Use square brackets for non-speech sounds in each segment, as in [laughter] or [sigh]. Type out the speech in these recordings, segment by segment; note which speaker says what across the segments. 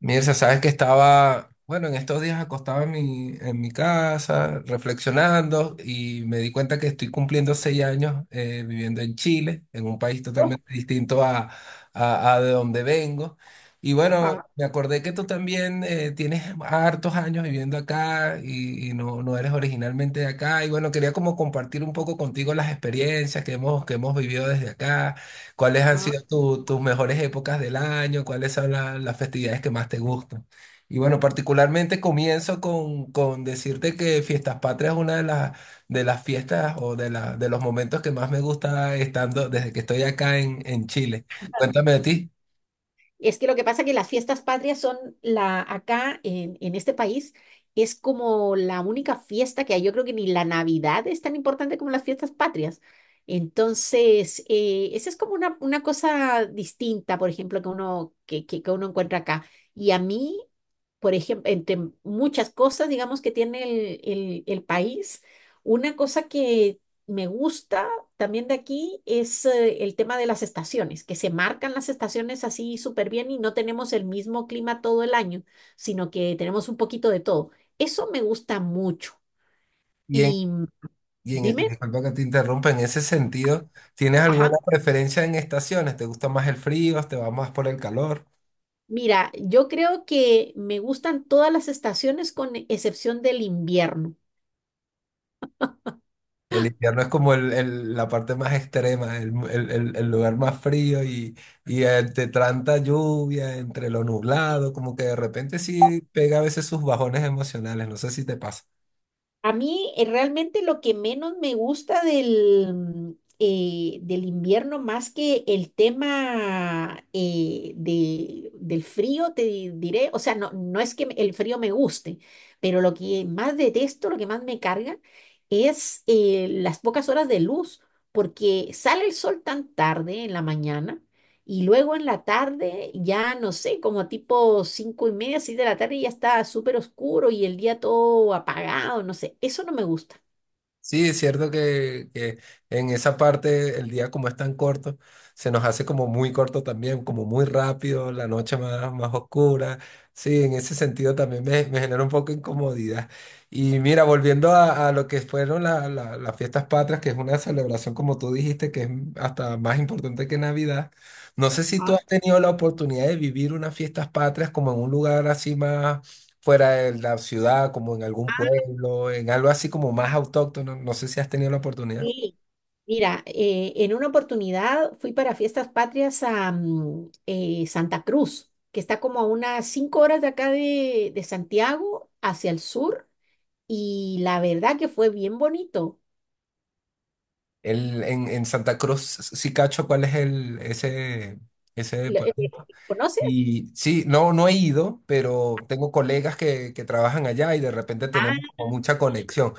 Speaker 1: Mirza, sabes que estaba, bueno, en estos días acostado en mi casa, reflexionando, y me di cuenta que estoy cumpliendo 6 años viviendo en Chile, en un país totalmente distinto a de donde vengo. Y bueno,
Speaker 2: Ajá.
Speaker 1: me acordé que tú también tienes hartos años viviendo acá y no, no eres originalmente de acá. Y bueno, quería como compartir un poco contigo las experiencias que hemos vivido desde acá. ¿Cuáles han sido tus mejores épocas del año? ¿Cuáles son las festividades que más te gustan? Y bueno, particularmente comienzo con decirte que Fiestas Patrias es una de las fiestas o de los momentos que más me gusta estando desde que estoy acá en Chile. Cuéntame de ti.
Speaker 2: Es que lo que pasa es que las fiestas patrias son la, acá en este país es como la única fiesta que hay. Yo creo que ni la Navidad es tan importante como las fiestas patrias. Entonces, esa es como una cosa distinta, por ejemplo, que uno encuentra acá. Y a mí, por ejemplo, entre muchas cosas, digamos, que tiene el, el país, una cosa que me gusta también de aquí es el tema de las estaciones, que se marcan las estaciones así súper bien y no tenemos el mismo clima todo el año, sino que tenemos un poquito de todo. Eso me gusta mucho.
Speaker 1: Y, en,
Speaker 2: Y mm,
Speaker 1: y
Speaker 2: dime,
Speaker 1: disculpa que te interrumpa, en ese sentido, ¿tienes
Speaker 2: ajá,
Speaker 1: alguna preferencia en estaciones? ¿Te gusta más el frío? ¿Te va más por el calor?
Speaker 2: mira, yo creo que me gustan todas las estaciones con excepción del invierno.
Speaker 1: El invierno es como la parte más extrema, el lugar más frío y entre tanta lluvia, entre lo nublado, como que de repente sí pega a veces sus bajones emocionales, no sé si te pasa.
Speaker 2: A mí realmente lo que menos me gusta del invierno, más que el tema del frío, diré, o sea, no, el frío me guste, pero lo que más detesto, lo que más me carga, es las pocas horas de luz, porque sale el sol tan tarde en la mañana y luego en la tarde, ya no sé, como tipo cinco y media, seis de la tarde, ya está súper oscuro y el día todo apagado, no sé, eso no me gusta.
Speaker 1: Sí, es cierto que en esa parte el día como es tan corto, se nos hace como muy corto también, como muy rápido, la noche más, más oscura. Sí, en ese sentido también me genera un poco de incomodidad. Y mira, volviendo a lo que fueron las fiestas patrias, que es una celebración, como tú dijiste, que es hasta más importante que Navidad. No sé si tú
Speaker 2: Ah,
Speaker 1: has tenido la oportunidad de vivir unas fiestas patrias como en un lugar así más fuera en la ciudad, como en algún pueblo, en algo así como más autóctono. No sé si has tenido la oportunidad.
Speaker 2: sí. Mira, en una oportunidad fui para Fiestas Patrias a Santa Cruz, que está como a unas 5 horas de acá de Santiago hacia el sur, y la verdad que fue bien bonito.
Speaker 1: En Santa Cruz, sí cacho, ¿cuál es ese
Speaker 2: Lo- eh,
Speaker 1: pueblito?
Speaker 2: ¿Conoces?
Speaker 1: Y sí, no, no he ido, pero tengo colegas que trabajan allá y de repente
Speaker 2: Ah,
Speaker 1: tenemos como mucha conexión.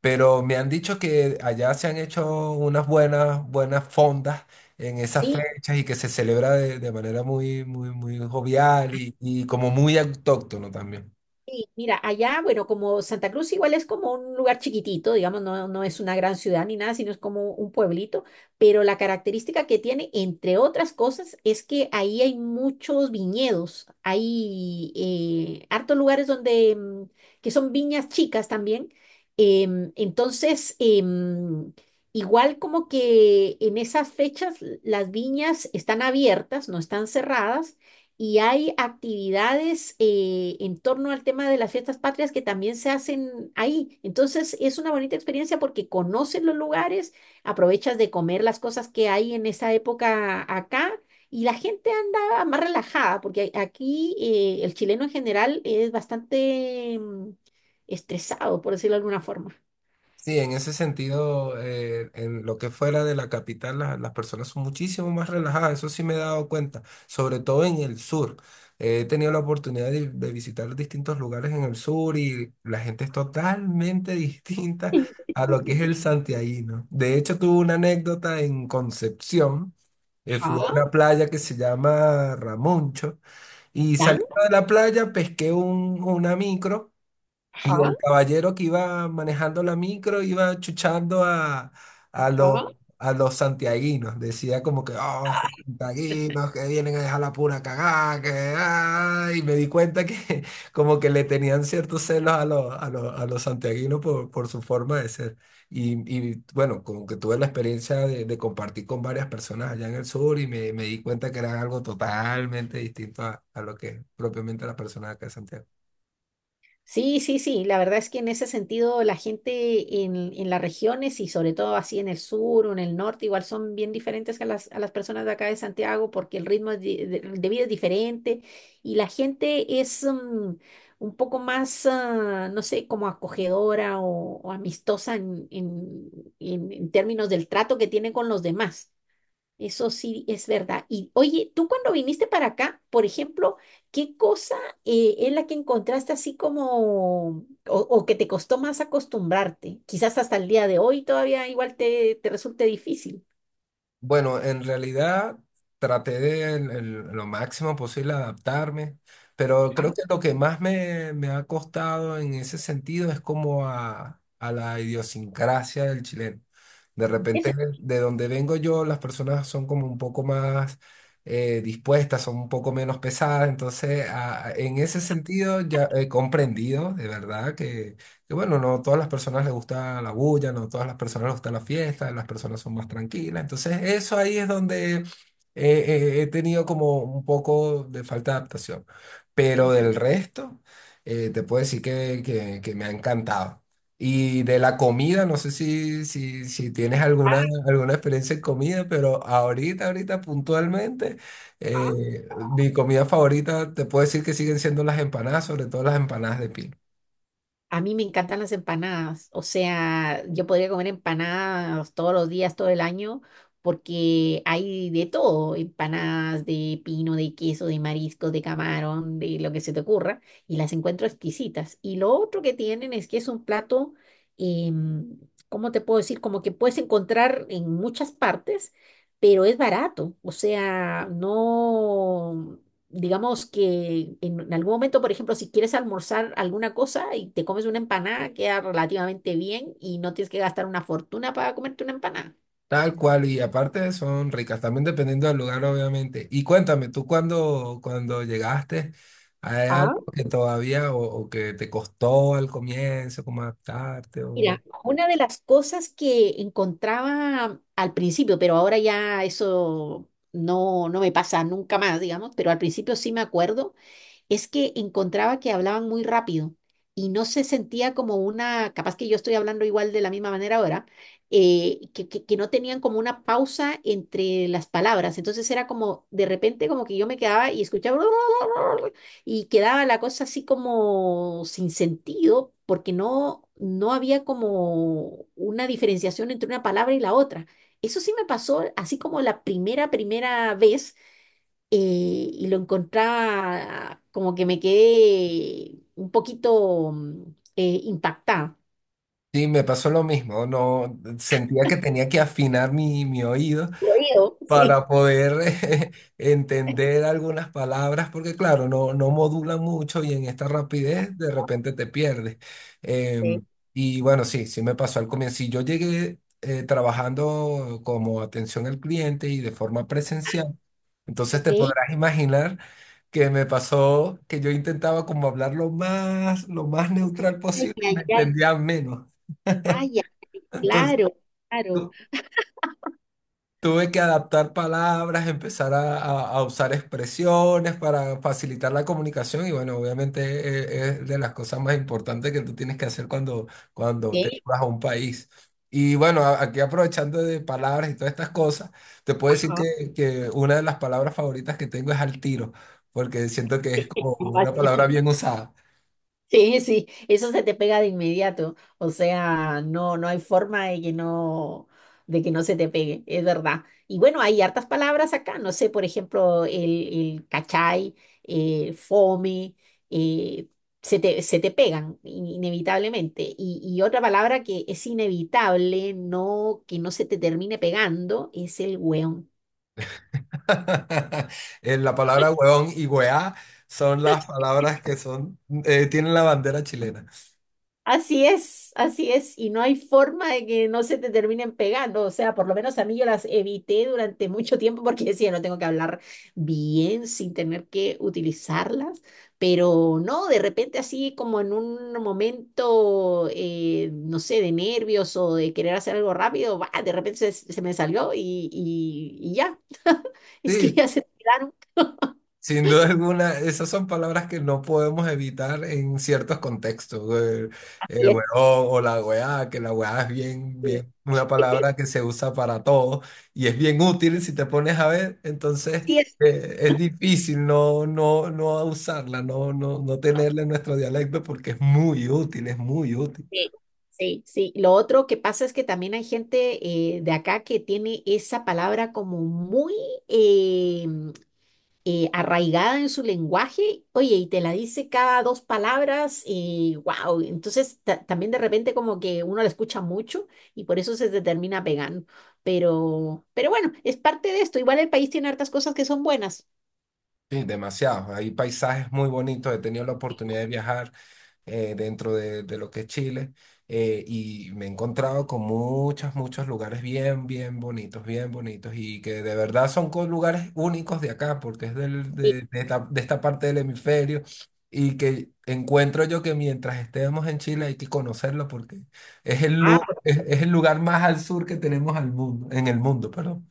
Speaker 1: Pero me han dicho que allá se han hecho unas buenas, buenas fondas en esas
Speaker 2: sí.
Speaker 1: fechas y que se celebra de manera muy, muy, muy jovial y como muy autóctono también.
Speaker 2: Sí, mira, allá, bueno, como Santa Cruz igual es como un lugar chiquitito, digamos, no, no es una gran ciudad ni nada, sino es como un pueblito, pero la característica que tiene, entre otras cosas, es que ahí hay muchos viñedos, hay hartos lugares donde que son viñas chicas también, entonces, igual como que en esas fechas las viñas están abiertas, no están cerradas y hay actividades en torno al tema de las fiestas patrias que también se hacen ahí. Entonces es una bonita experiencia porque conoces los lugares, aprovechas de comer las cosas que hay en esa época acá y la gente anda más relajada porque aquí el chileno en general es bastante estresado, por decirlo de alguna forma.
Speaker 1: Sí, en ese sentido, en lo que fuera de la capital, las personas son muchísimo más relajadas, eso sí me he dado cuenta, sobre todo en el sur. He tenido la oportunidad de visitar distintos lugares en el sur y la gente es totalmente [laughs] distinta a lo que es el santiaguino. De hecho, tuve una anécdota en Concepción. Fui a
Speaker 2: Ajá,
Speaker 1: una playa que se llama Ramoncho y
Speaker 2: ¿ya?
Speaker 1: saliendo de la playa pesqué una micro. Y
Speaker 2: Ajá,
Speaker 1: el caballero que iba manejando la micro iba chuchando a, a,
Speaker 2: ajá.
Speaker 1: lo- a los santiaguinos. Decía como que, oh, estos santiaguinos que vienen a dejar la pura cagada, que... ah", y me di cuenta que [laughs] como que le tenían ciertos celos a los santiaguinos por su forma de ser. Y, y, bueno, como que tuve la experiencia de compartir con varias personas allá en el sur y me di cuenta que era algo totalmente distinto a lo que es propiamente la persona de acá de Santiago.
Speaker 2: Sí, sí, sí, la verdad es que en ese sentido la gente en las regiones y sobre todo así en el sur o en el norte igual son bien diferentes a las personas de acá de Santiago porque el ritmo es de vida es diferente y la gente es un poco más, ah, no sé, como acogedora o amistosa en, en términos del trato que tiene con los demás. Eso sí es verdad. Y oye, tú cuando viniste para acá, por ejemplo, ¿qué cosa es la que encontraste así como o que te costó más acostumbrarte? Quizás hasta el día de hoy todavía igual te, te resulte difícil.
Speaker 1: Bueno, en realidad traté de en lo máximo posible adaptarme, pero
Speaker 2: Ah,
Speaker 1: creo que lo que más me ha costado en ese sentido es como a la idiosincrasia del chileno. De
Speaker 2: ¿en qué
Speaker 1: repente,
Speaker 2: se-
Speaker 1: de donde vengo yo, las personas son como un poco más dispuestas, son un poco menos pesadas, entonces en ese sentido ya he comprendido de verdad que bueno, no todas las personas les gusta la bulla, no todas las personas les gusta la fiesta, las personas son más tranquilas. Entonces, eso ahí es donde he tenido como un poco de falta de adaptación. Pero del resto, te puedo decir que me ha encantado. Y de la comida, no sé si tienes alguna, alguna experiencia en comida, pero ahorita puntualmente, mi comida favorita, te puedo decir que siguen siendo las empanadas, sobre todo las empanadas de piña.
Speaker 2: A mí me encantan las empanadas, o sea, yo podría comer empanadas todos los días, todo el año, porque hay de todo, empanadas de pino, de queso, de mariscos, de camarón, de lo que se te ocurra, y las encuentro exquisitas. Y lo otro que tienen es que es un plato, em, ¿cómo te puedo decir? Como que puedes encontrar en muchas partes, pero es barato, o sea, no digamos que en algún momento, por ejemplo, si quieres almorzar alguna cosa y te comes una empanada, queda relativamente bien y no tienes que gastar una fortuna para comerte una empanada.
Speaker 1: Tal cual, y aparte son ricas, también dependiendo del lugar, obviamente. Y cuéntame, tú cuando llegaste, ¿hay
Speaker 2: Ah,
Speaker 1: algo que todavía o que te costó al comienzo, como adaptarte? O...
Speaker 2: mira, una de las cosas que encontraba al principio, pero ahora ya eso no, no me pasa nunca más, digamos, pero al principio sí me acuerdo, es que encontraba que hablaban muy rápido y no se sentía como una, capaz que yo estoy hablando igual de la misma manera ahora, que no tenían como una pausa entre las palabras. Entonces era como, de repente como que yo me quedaba y escuchaba [laughs] y quedaba la cosa así como sin sentido porque no, no había como una diferenciación entre una palabra y la otra. Eso sí me pasó así como la primera vez eh, y lo encontraba como que me quedé un poquito impactada.
Speaker 1: Sí, me pasó lo mismo, no sentía que tenía que afinar mi oído.
Speaker 2: Lo oído, sí.
Speaker 1: Para poder eh, [laughs] entender algunas palabras, porque claro, no, no modula mucho y en esta rapidez de repente te pierdes. Em,
Speaker 2: Sí.
Speaker 1: y bueno, sí, sí me pasó al comienzo. Si yo llegué trabajando como atención al cliente y de forma presencial, entonces
Speaker 2: Ok.
Speaker 1: te
Speaker 2: Ay,
Speaker 1: podrás imaginar que me pasó que yo intentaba como hablar lo más neutral
Speaker 2: ay,
Speaker 1: posible y me
Speaker 2: ay.
Speaker 1: entendían menos.
Speaker 2: Ay, ay,
Speaker 1: [laughs] Entonces,
Speaker 2: claro, claro.
Speaker 1: tuve que adaptar palabras, empezar a, a usar expresiones para facilitar la comunicación y bueno, obviamente es de las cosas más importantes que tú tienes que hacer cuando te
Speaker 2: Ok.
Speaker 1: vas a un país. Y bueno, aquí aprovechando de palabras y todas estas cosas, te puedo decir
Speaker 2: Ajá.
Speaker 1: que una de las palabras favoritas que tengo es al tiro, porque siento que es como una palabra bien usada.
Speaker 2: Sí, sí, eso se te pega de inmediato. O sea, no, no hay forma de que no se te pegue, es verdad. Y bueno, hay hartas palabras acá, no sé, por ejemplo, el cachai, fome, eh, se te pegan inevitablemente. Y otra palabra que es inevitable, no, que no se te termine pegando, es el weón.
Speaker 1: [laughs] La palabra huevón y weá son las palabras que son, tienen la bandera chilena.
Speaker 2: Así es, y no hay forma de que no se te terminen pegando, o sea, por lo menos a mí yo las evité durante mucho tiempo porque [laughs] decía, no tengo que hablar bien sin tener que utilizarlas, pero no, de repente así como en un momento, no sé, de nervios o de querer hacer algo rápido, ¡bah! De repente se, se me salió y, y ya, [laughs] es que
Speaker 1: Sí,
Speaker 2: ya se tiraron.
Speaker 1: sin duda alguna, esas son palabras que no podemos evitar en ciertos contextos. El
Speaker 2: Así
Speaker 1: huevón
Speaker 2: es,
Speaker 1: o la weá, que la weá es bien,
Speaker 2: sí,
Speaker 1: bien, una palabra que se usa para todo y es bien útil si te pones a ver. Entonces,
Speaker 2: así es.
Speaker 1: es difícil no, no, no usarla, no, no, no tenerla en nuestro dialecto porque es muy útil, es muy útil.
Speaker 2: Sí, sí, sí. Lo otro que pasa es que también hay gente de acá que tiene esa palabra como muy eh, arraigada en su lenguaje, oye, y te la dice cada dos palabras y wow. Entonces también de repente como que uno la escucha mucho y por eso se te termina pegando. Pero bueno, es parte de esto. Igual el país tiene hartas cosas que son buenas.
Speaker 1: Sí, demasiado. Hay paisajes muy bonitos. He tenido la oportunidad de viajar dentro de lo que es Chile y me he encontrado con muchos, muchos lugares bien, bien bonitos y que de verdad son lugares únicos de acá porque es
Speaker 2: Sí.
Speaker 1: de esta parte del hemisferio y que encuentro yo que mientras estemos en Chile hay que conocerlo porque es
Speaker 2: Ah,
Speaker 1: es el lugar más al sur que tenemos al mundo, en el mundo, perdón.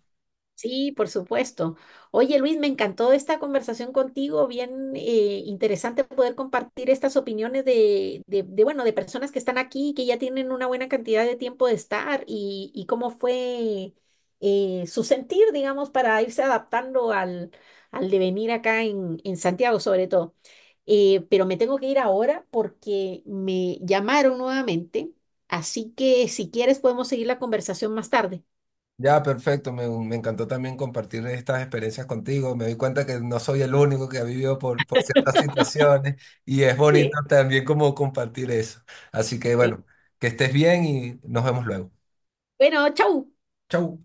Speaker 2: sí, por supuesto. Oye, Luis, me encantó esta conversación contigo, bien interesante poder compartir estas opiniones de, bueno, de personas que están aquí, que ya tienen una buena cantidad de tiempo de estar y cómo fue su sentir, digamos, para irse adaptando al, al devenir acá en Santiago, sobre todo. Pero me tengo que ir ahora porque me llamaron nuevamente, así que si quieres podemos seguir la conversación más tarde.
Speaker 1: Ya, perfecto. Me encantó también compartir estas experiencias contigo. Me doy cuenta que no soy el único que ha vivido por ciertas situaciones y es bonito
Speaker 2: Sí,
Speaker 1: también como compartir eso. Así que
Speaker 2: sí.
Speaker 1: bueno, que estés bien y nos vemos luego.
Speaker 2: Bueno, chau.
Speaker 1: Chau.